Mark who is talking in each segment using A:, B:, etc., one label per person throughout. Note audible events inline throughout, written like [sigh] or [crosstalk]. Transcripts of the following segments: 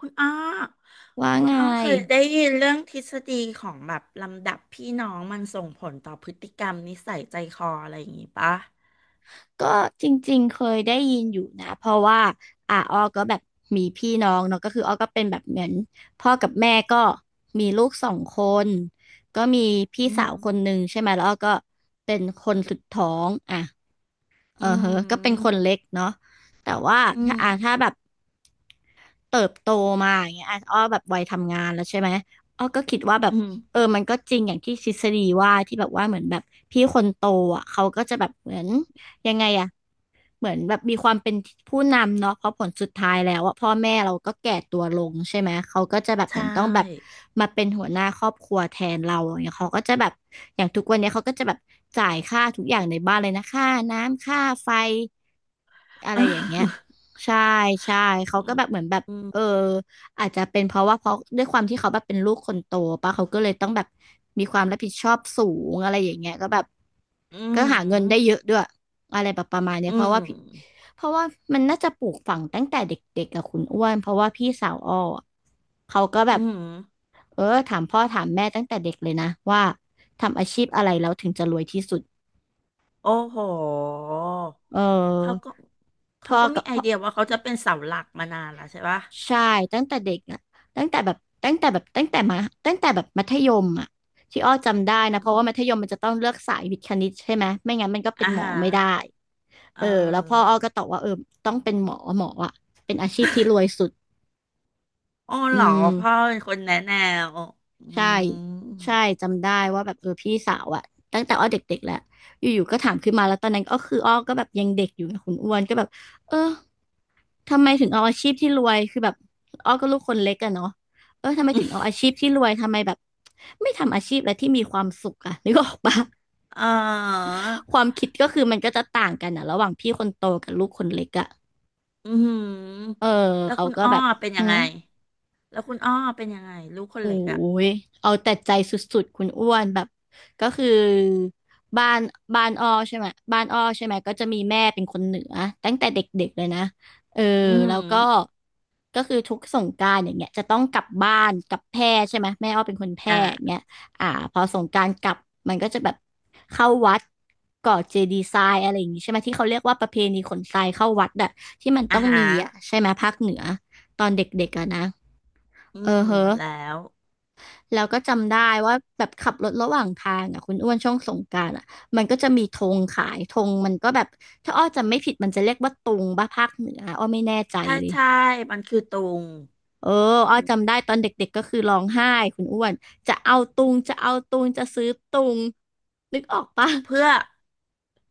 A: คุณอ้อ
B: ว่า
A: คุณ
B: ไง
A: อ้อเคยได้ยินเรื่องทฤษฎีของแบบลำดับพี่น้องมันส่งผลต่อพฤติกรรมนิสัยใจคออะไรอย่างงี้ปะ
B: ก็จริงๆเคยได้ยินอยู่นะเพราะว่าอ้อก็แบบมีพี่น้องเนาะก็คืออ้อก็เป็นแบบเหมือนพ่อกับแม่ก็มีลูกสองคนก็มีพี่
A: อื
B: สา
A: ม
B: วคนหนึ่งใช่ไหมแล้วอ้อก็เป็นคนสุดท้องอ่ะเอ
A: อื
B: อเฮอก็เป็นค
A: ม
B: นเล็กเนาะแต่ว่า
A: อืม
B: ถ้าแบบเติบโตมาอย่างเงี้ยอ่ะอ้อแบบวัยทำงานแล้วใช่ไหมอ้อก็คิดว่าแบบ
A: อืม
B: เออมันก็จริงอย่างที่ทฤษฎีว่าที่แบบว่าเหมือนแบบพี่คนโตอ่ะเขาก็จะแบบเหมือนยังไงอะ เหมือนแบบมีความเป็นผู้นำเนาะเพราะผลสุดท้ายแล้วอะพ่อแม่เราก็แก่ตัวลงใช่ไหมเขาก็จะแบบ
A: ใช
B: เหมือนต้องแบบ
A: ่
B: มาเป็นหัวหน้าครอบครัวแทนเราอย่างเงี้ยเขาก็จะแบบอย่างทุกวันเนี้ยเขาก็จะแบบจ่ายค่าทุกอย่างในบ้านเลยนะค่าน้ำค่าไฟอะไรอย่างเงี้ยใช่ใช่เขาก็แบบเหมือนแบบ
A: อื
B: เออ
A: ม
B: อาจจะเป็นเพราะว่าเพราะด้วยความที่เขาแบบเป็นลูกคนโตปะเขาก็เลยต้องแบบมีความรับผิดชอบสูงอะไรอย่างเงี้ยก็แบบ
A: อื
B: ก็หาเงินได้
A: ม
B: เยอะด้วยอะไรแบบประมาณเนี้ย
A: อืม
B: เพราะว่ามันน่าจะปลูกฝังตั้งแต่เด็กๆกับคุณอ้วนเพราะว่าพี่สาวอ้ออะเขาก็แบ
A: อื
B: บ
A: มอืม
B: เออถามพ่อถามแม่ตั้งแต่เด็กเลยนะว่าทำอาชีพอะไรแล้วถึงจะรวยที่สุด
A: โอ้โห
B: เอ
A: เขา
B: อ
A: ก็ เขา
B: พ่อ
A: ก็
B: กั
A: มี
B: บ
A: ไอ
B: พ่อ
A: เดียว่าเขาจะเป็นเสาหลักมานานแล้วใช่ปะ
B: ใช่ตั้งแต่เด็กอ่ะตั้งแต่แบบตั้งแต่แบบตั้งแต่มาตั้งแต่แบบมัธยมอ่ะที่อ้อจำได้นะ
A: อื
B: เพราะว่ามัธ
A: ม
B: ยมมันจะต้องเลือกสายวิทย์คณิตใช่ไหมไม่งั้นมันก็เป็
A: อ่า
B: นหมอ
A: ฮะ
B: ไม่ได้
A: เอ
B: เอ
A: อ
B: อแล้วพ่ออ้อก็ตอบว่าเออต้องเป็นหมออ่ะเป็นอาชีพที่รวยสุด
A: อ๋อ
B: อื
A: เหรอ
B: ม
A: พ่อเป็นคนแนะแนวอื
B: ใช่
A: ม
B: ใช่จำได้ว่าแบบเออพี่สาวอ่ะตั้งแต่อ้อเด็กๆแล้วอยู่ๆก็ถามขึ้นมาแล้วตอนนั้นก็คืออ้อก็แบบยังเด็กอยู่นะคุณอ้วนก็แบบเออ ทำไมถึงเอาอาชีพที่รวยคือแบบอ้อก็ลูกคนเล็กอะเนาะเออทำไมถึงเอาอาชีพที่รวยทำไมแบบไม่ทำอาชีพอะไรที่มีความสุขอะนึกออกปะ
A: เออ
B: ความคิดก็คือมันก็จะต่างกันอะระหว่างพี่คนโตกับลูกคนเล็กอะ
A: อื
B: เออ
A: มแล้ว
B: เขา
A: คุณ
B: ก็
A: อ้อ
B: แบบ
A: เป็น
B: หื
A: ยังไง
B: ม
A: แล้วคุณอ้อเป็นยังไงลูกคน
B: โอ้
A: เล็กอ่ะ
B: ยเอาแต่ใจสุดๆคุณอ้วนแบบก็คือบ้านบ้านอ้อใช่ไหมบ้านอ้อใช่ไหมก็จะมีแม่เป็นคนเหนือตั้งแต่เด็กๆเลยนะเออ
A: อืม
B: แล้วก็ก็คือทุกสงกรานต์อย่างเงี้ยจะต้องกลับบ้านกลับแพร่ใช่ไหมแม่อ้อเป็นคนแพร่อย่างเงี้
A: อ่า
B: ยอ่าพอสงกรานต์กลับมันก็จะแบบเข้าวัดก่อเจดีย์ทรายอะไรอย่างงี้ใช่ไหมที่เขาเรียกว่าประเพณีขนทรายเข้าวัดอะที่มันต้
A: อา
B: อง
A: หา
B: มีอะใช่ไหมภาคเหนือตอนเด็กๆอะนะ
A: อื
B: เออ
A: ม
B: เฮ้อ
A: แล้ว
B: แล้วก็จำได้ว่าแบบขับรถระหว่างทางอ่ะคุณอ้วนช่วงสงกรานต์อ่ะมันก็จะมีธงขายธงมันก็แบบถ้าอ้อจำไม่ผิดมันจะเรียกว่าตุงบ้าภาคเหนืออ้อไม่แน่ใจ
A: ถ้า
B: เลย
A: ใช่มันคือตุง
B: เอออ้อ
A: อื
B: จำ
A: ม
B: ได้ตอนเด็กๆก็คือร้องไห้คุณอ้วนจะเอาตุงจะซื้อตุงนึกออกปะ
A: เพื่อ
B: [laughs]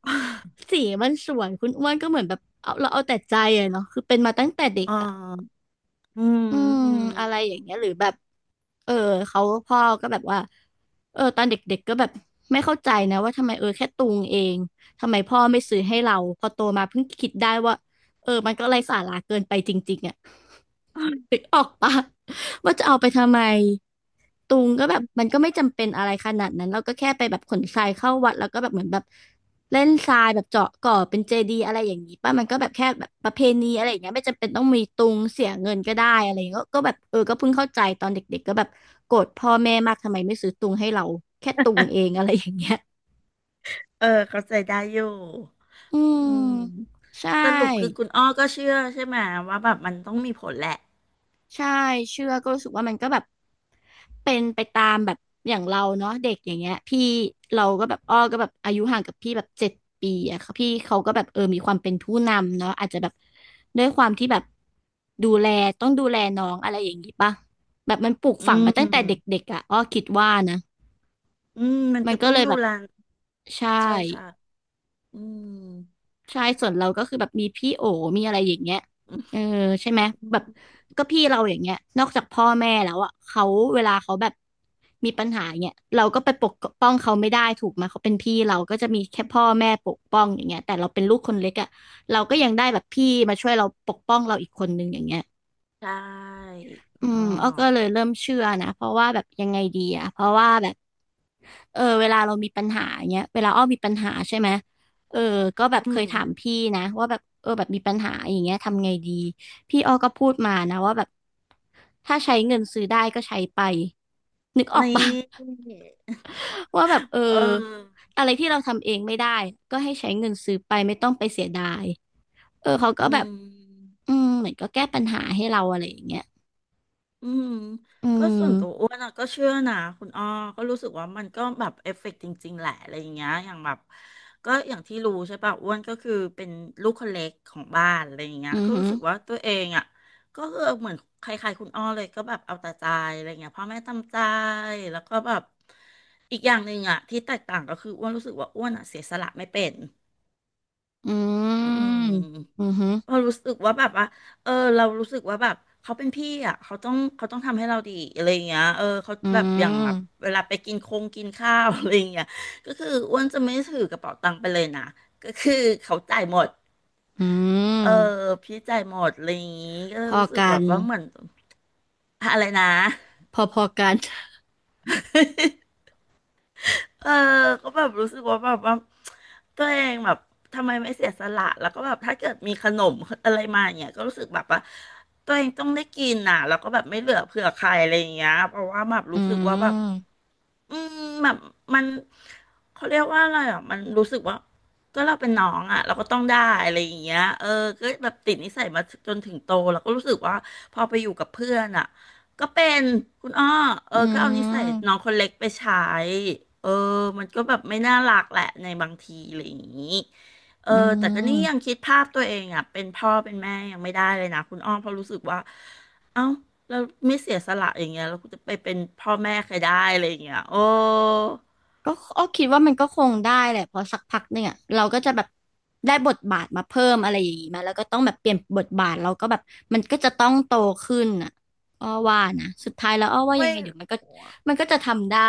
A: [laughs]
B: สีมันสวยคุณอ้วนก็เหมือนแบบเอาแต่ใจอะเนาะคือเป็นมาตั้งแต่เด็ก
A: อ๋อ
B: อะ
A: อืม
B: อืม
A: อืม
B: อะไรอย่างเงี้ยหรือแบบเออเขาพ่อก็แบบว่าเออตอนเด็กๆก็แบบไม่เข้าใจนะว่าทำไมเออแค่ตุงเองทำไมพ่อไม่ซื้อให้เราพอโตมาเพิ่งคิดได้ว่าเออมันก็ไร้สาระเกินไปจริงๆอ่ะนึกออกปะว่าจะเอาไปทำไม ตุงก็แบบมันก็ไม่จำเป็นอะไรขนาดนั้นเราก็แค่ไปแบบขนทรายเข้าวัดแล้วก็แบบเหมือนแบบเล่นทรายแบบเจาะก่อเป็นเจดีย์อะไรอย่างนี้ป่ะมันก็แบบแค่แบบประเพณีอะไรอย่างเงี้ยไม่จำเป็นต้องมีตุงเสียเงินก็ได้อะไรอย่างเงี้ยก็แบบเออก็เพิ่งเข้าใจตอนเด็กๆก็แบบโกรธพ่อแม่มากทำไมไม่ซื้อตุงให้เราแค่ตุงเองอะไรอย่างเงี้ย
A: เออเข้าใจได้อยู่
B: อื
A: อืม
B: มใช
A: สรุปคือ
B: ่
A: คุณอ้อก็เชื่อใช่ไหมว่าแบบมันต้องมีผลแหละ
B: ใช่เชื่อก็รู้สึกว่ามันก็แบบเป็นไปตามแบบอย่างเราเนาะเด็กอย่างเงี้ยพี่เราก็แบบอ้อก็แบบอายุห่างกับพี่แบบเจ็ดปีอะค่ะพี่เขาก็แบบเออมีความเป็นผู้นำเนาะอาจจะแบบด้วยความที่แบบดูแลต้องดูแลน้องอะไรอย่างงี้ป่ะแบบมันปลูก
A: อื
B: ฝังมา
A: ม
B: ตั้งแต่เด็กๆอะอ้อคิดว่านะ
A: อืมมัน
B: มัน
A: ก็
B: ก็
A: ต้อง
B: เลย
A: ดู
B: แบบ
A: แล
B: ใช่
A: ใช่อืม
B: ใช่ส่วนเราก็คือแบบมีพี่โอมีอะไรอย่างเงี้ยเออใช่ไหม
A: อื
B: แบบ
A: ม
B: ก็พี่เราอย่างเงี้ยนอกจากพ่อแม่แล้วอ่ะเขาเวลาเขาแบบมีปัญหาเงี้ยเราก็ไปปกป้องเขาไม่ได้ถูกไหมเขาเป็นพี่เราก็จะมีแค่พ่อแม่ปกป้องอย่างเงี้ยแต่เราเป็นลูกคนเล็กอ่ะเราก็ยังได้แบบพี่มาช่วยเราปกป้องเราอีกคนนึงอย่างเงี้ย
A: ใช่
B: อื
A: อ๋อ
B: มอ้อก็เลยเริ่มเชื่อนะเพราะว่าแบบยังไงดีอะเพราะว่าแบบเออเวลาเรามีปัญหาเงี้ยเวลาอ้อมีปัญหาใช่ไหมเออก็แบบ
A: อื
B: เคย
A: ม
B: ถามพี่นะว่าแบบเออแบบมีปัญหาอย่างเงี้ยทำไงดีพี่อ้อก็พูดมานะว่าแบบถ้าใช้เงินซื้อได้ก็ใช้ไปนึกออก
A: นี
B: ปะ
A: ่
B: [laughs] ว่าแบบเออ
A: [laughs] เออ
B: อะไรที่เราทำเองไม่ได้ก็ให้ใช้เงินซื้อไปไม่ต้องไปเสียดายเออเขาก็
A: อื
B: แบบ
A: ม
B: อืมเหมือนก็แก้ปัญหาให้เราอะไรอย่างเงี้ย
A: อืม
B: อื
A: ก็ส่วนตัว
B: ม
A: อ้วนอะก็เชื่อนะคุณอ้อก็รู้สึกว่ามันก็แบบเอฟเฟกต์จริงๆแหละอะไรอย่างเงี้ยอย่างแบบก็อย่างที่รู้ใช่ป่ะอ้วนก็คือเป็นลูกคนเล็กของบ้านอะไรอย่างเงี้ย
B: อือ
A: ก็
B: ฮึ
A: รู้สึกว่าตัวเองอะก็คือเหมือนใครๆคุณอ้อเลยก็แบบเอาแต่ใจอะไรเงี้ยพ่อแม่ตามใจแล้วก็แบบอีกอย่างหนึ่งอะที่แตกต่างก็คืออ้วนรู้สึกว่าอ้วนอะเสียสละไม่เป็น
B: อื
A: อืม
B: มอือหือ
A: เรารู้สึกว่าแบบว่าเออเรารู้สึกว่าแบบเขาเป็นพี่อ่ะ เขาต้องทำให้เราดีอะไรอย่างเงี้ยเออเขา
B: อื
A: แบบอย่างแบบ
B: ม
A: เวลาไปกินคงกินข้าว [laughs] อะไรอย่างเงี้ยก็คืออ้วนจะไม่ถือกระเป๋าตังค์ไปเลยนะก็คือเขาจ่ายหมด
B: อื
A: เออ
B: ม
A: พี่จ่ายหมดอะไรอย่างงี้ก็
B: พอ
A: รู้สึก
B: กั
A: แบ
B: น
A: บว่าเหมือนอะไรนะ
B: พอกัน
A: [laughs] เออ ก็แบบรู้สึกว่าแบบว่าตัวเองแบบทำไมไม่เสียสละแล้วก็แบบถ้าเกิดมีขนมอะไรมาอย่างเงี้ยก็รู้สึกแบบว่าตัวเองต้องได้กินน่ะแล้วก็แบบไม่เหลือเผื่อใครอะไรอย่างเงี้ยเพราะว่าแบบ
B: อื
A: รู้สึกว่าแบบ
B: ม
A: อืมแบบมันเขาเรียกว่าอะไรอ่ะมันรู้สึกว่าก็เราเป็นน้องอ่ะเราก็ต้องได้อะไรอย่างเงี้ยเออก็แบบติดนิสัยมาจนถึงโตแล้วก็รู้สึกว่าพอไปอยู่กับเพื่อนอ่ะก็เป็นคุณอ้อเออ
B: อื
A: ก็เอานิสัยน้อ
B: ม
A: งคนเล็กไปใช้เออมันก็แบบไม่น่ารักแหละในบางทีอะไรอย่างงี้เออ
B: อื
A: แต่ก็นี่ยัง
B: ม
A: คิดภาพตัวเองอ่ะเป็นพ่อเป็นแม่ยังไม่ได้เลยนะคุณอ้อเพราะรู้สึกว่าเอ้า เราไม่เสียสละอย่างเงี้ยเราจะไปเป็นพ่อแม่ใครได้อะไรอย่างเงี้ย
B: ก็อ้อคิดว่ามันก็คงได้แหละเพอสักพักเนี่ยเราก็จะแบบได้บทบาทมาเพิ่มอะไรอย่างงี้มาแล้วก็ต้องแบบเปลี่ยนบทบาทเราก็แบบมันก็จะต้องโตขึ้นอ่ะอ้อว่านะสุดท้ายแล้วอ้อว่ายั
A: ไม่
B: งไงเดี๋ยวมันก็มันก็จะทำได้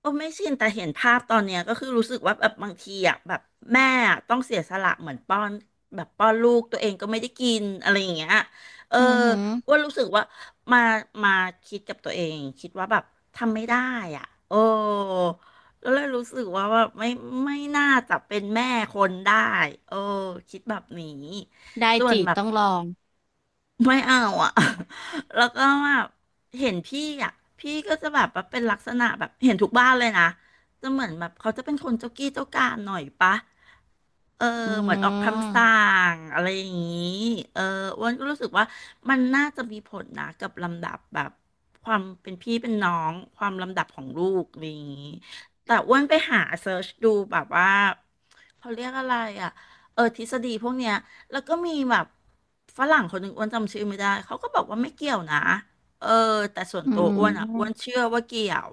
A: โอ้ไม่ชินแต่เห็นภาพตอนเนี้ยก็คือรู้สึกว่าแบบบางทีอ่ะแบบแม่อะต้องเสียสละเหมือนป้อนแบบป้อนลูกตัวเองก็ไม่ได้กินอะไรอย่างเงี้ยเออ
B: อือหือ
A: อ้วนรู้สึกว่ามามาคิดกับตัวเองคิดว่าแบบทำไม่ได้อ่ะโอ้แล้วเลยรู้สึกว่าว่าไม่น่าจะเป็นแม่คนได้เออคิดแบบนี้
B: ได้
A: ส่วน
B: จี
A: แบบ
B: ต้องลอง
A: ไม่เอาอ่ะ [laughs] แล้วก็แบบเห็นพี่อ่ะพี่ก็จะแบบว่าเป็นลักษณะแบบเห็นทุกบ้านเลยนะ จะเหมือนแบบเขาจะเป็นคนเจ้ากี้เจ้าการหน่อยปะเออ
B: อื
A: เหมือนออกคำสั่
B: ม
A: งอะไรอย่างนี้เอออ้วนก็รู้สึกว่ามันน่าจะมีผลนะกับลำดับแบบความเป็นพี่เป็นน้องความลำดับของลูกอะไรอย่างนี้แต่อ้วนไปหาเซิร์ชดูแบบว่า เขาเรียกอะไรอ่ะ เออทฤษฎีพวกเนี้ยแล้วก็มีแบบฝรั่งคนหนึ่งอ้วนจำชื่อไม่ได้ เขาก็บอกว่าไม่เกี่ยวนะเออแต่ส่วน
B: อื
A: ตัวอ้วนอ่ะอ้วน
B: ม
A: เชื่อว่าเกี่ยว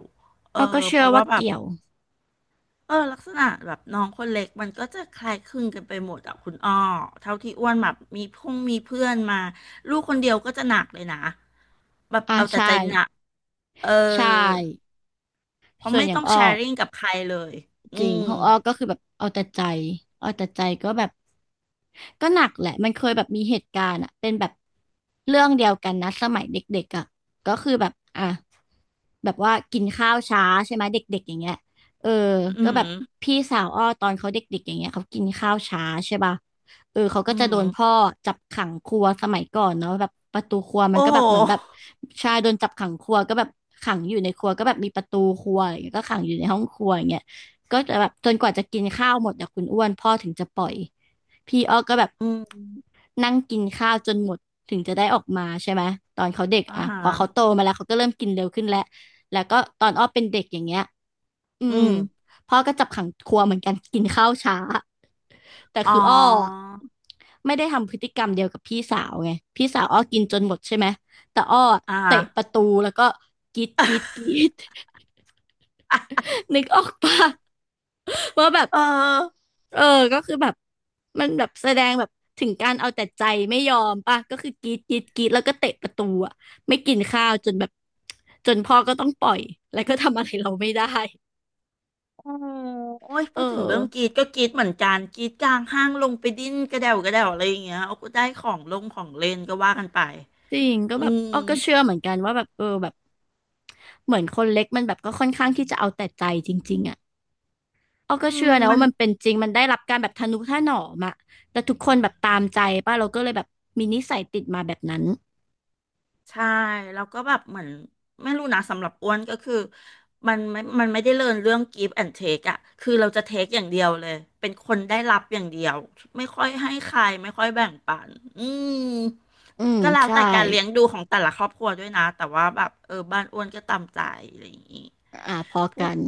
A: เออ
B: อ้อก็
A: เพ
B: เชื่อ
A: ราะ
B: ว่า
A: ว่าแบบ
B: เกี่ยว
A: เออลักษณะแบบน้องคนเล็กมันก็จะคล้ายคลึงกันไปหมดอ่ะคุณอ้อเท่าที่อ้วนแบบมีพงมีเพื่อนมาลูกคนเดียวก็จะหนักเลยนะแบบ
B: อ่า
A: เอาแต่
B: ใช่
A: ใจหนักเออ
B: ใช่
A: เพราะ
B: ส่วน
A: ไม่
B: อย่า
A: ต้
B: ง
A: อง
B: อ้
A: แช
B: อ
A: ร์ริ่งกับใครเลยอื
B: จริง
A: ม
B: ของอ้อก็คือแบบเอาแต่ใจเอาแต่ใจก็แบบก็หนักแหละมันเคยแบบมีเหตุการณ์อะเป็นแบบเรื่องเดียวกันนะสมัยเด็กๆอะก็คือแบบอ่ะแบบว่ากินข้าวช้าใช่ไหมเด็กๆอย่างเงี้ยเออ
A: อื
B: ก็
A: ม
B: แบบพี่สาวอ้อตอนเขาเด็กๆอย่างเงี้ยเขากินข้าวช้าใช่ป่ะเออเขา
A: อื
B: ก็จะโดนพ่
A: ม
B: อจับขังครัวสมัยก่อนเนาะแบบประตูครัวมั
A: โอ้
B: นก็
A: โห
B: แบบเหมือนแบบชายโดนจับขังครัวก็แบบขังอยู่ในครัวก็แบบมีประตูครัวอะไรอย่างเงี้ยก็ขังอยู่ในห้องครัวอย่างเงี้ย ก็จะแบบจนกว่าจะกินข้าวหมดอะคุณอ้วนพ่อถึงจะปล่อยพี่อ้อก็แบบ
A: อืม
B: นั่งกินข้าวจนหมดถึงจะได้ออกมาใช่ไหมตอนเขาเด็ก
A: อ่า
B: อะ
A: ฮะ
B: พอเขาโตมาแล้วเขาก็เริ่มกินเร็วขึ้นแล้วแล้วก็ตอนอ้อเป็นเด็กอย่างเงี้ยอื
A: อื
B: ม
A: ม
B: พ่อก็จับขังครัวเหมือนกันกินข้าวช้าแต่
A: อ๋อ
B: คืออ้ออะไม่ได้ทำพฤติกรรมเดียวกับพี่สาวไงพี่สาวอ้อกินจนหมดใช่ไหมแต่อ้อ
A: อ่
B: เตะประ
A: า
B: ตูแล้วก็กรีดกรีดกรีด [laughs] นึกออกปะ ว่าแบบ
A: เออ
B: เออก็คือแบบมันแบบแสดงแบบถึงการเอาแต่ใจไม่ยอมป่ะก็คือกรีดกรีดกรีดแล้วก็เตะประตูอ่ะไม่กินข้าวจนแบบจนพ่อก็ต้องปล่อยแล้วก็ทำอะไรเราไม่ได้
A: โอ้โอ้ย
B: เอ
A: พูดถึงเรื่องกรี
B: อ
A: ดก็กรีดเหมือนกันกรีดกลางห้างลงไปดิ้นกระเดวกระเดวอะไรอย่างเงี้ยเอาก็ได้ของลงของเล่นก็ว่ากันไป
B: จริงก็
A: อื
B: แบบ
A: ม
B: อ้อก็เชื่อเหมือนกันว่าแบบเออแบบเหมือนคนเล็กมันแบบก็ค่อนข้างที่จะเอาแต่ใจจริงๆอ่ะอ้อ
A: อื
B: ก็
A: ม
B: เชื่อนะ
A: มั
B: ว่า
A: น
B: มันเป็นจริงมันได้รับการแบบทะนุถนอมอะแต่ทุกคนแบบตามใจป่ะเราก็เลยแบบมีนิสัยติดมาแบบนั้น
A: ใช่แล้วก็แบบเหมือนไม่รู้นะสำหรับอ้วนก็คือมันไม่ได้เรียนเรื่อง give and take อะคือเราจะ take อย่างเดียวเลยเป็นคนได้รับอย่างเดียวไม่ค่อยให้ใครไม่ค่อยแบ่งปันอืม
B: อืม
A: ก็แล้ว
B: ใช่
A: แต่การเลี้ยงดูของแต่ละครอบครัวด้วยนะแต่ว่าแบบเออบ้านอ้วนก็ตามใจอะไรอย่างงี้
B: อ่าพอ
A: พูด
B: กัน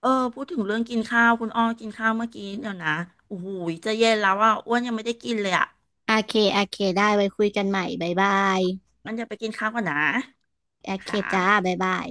A: เออพูดถึงเรื่องกินข้าวคุณอ้อกินข้าวเมื่อกี้เดี๋ยวนะโอ้โหจะเย็นแล้วอ่ะอ้วนยังไม่ได้กินเลยอ่ะ
B: โอเค โอเค ได้ไว้คุยกันใหม่บ๊ายบาย
A: งั้นเดี๋ยวไปกินข้าวก่อนนะ
B: โอเค
A: ค่
B: จ้า
A: ะ
B: บ๊ายบาย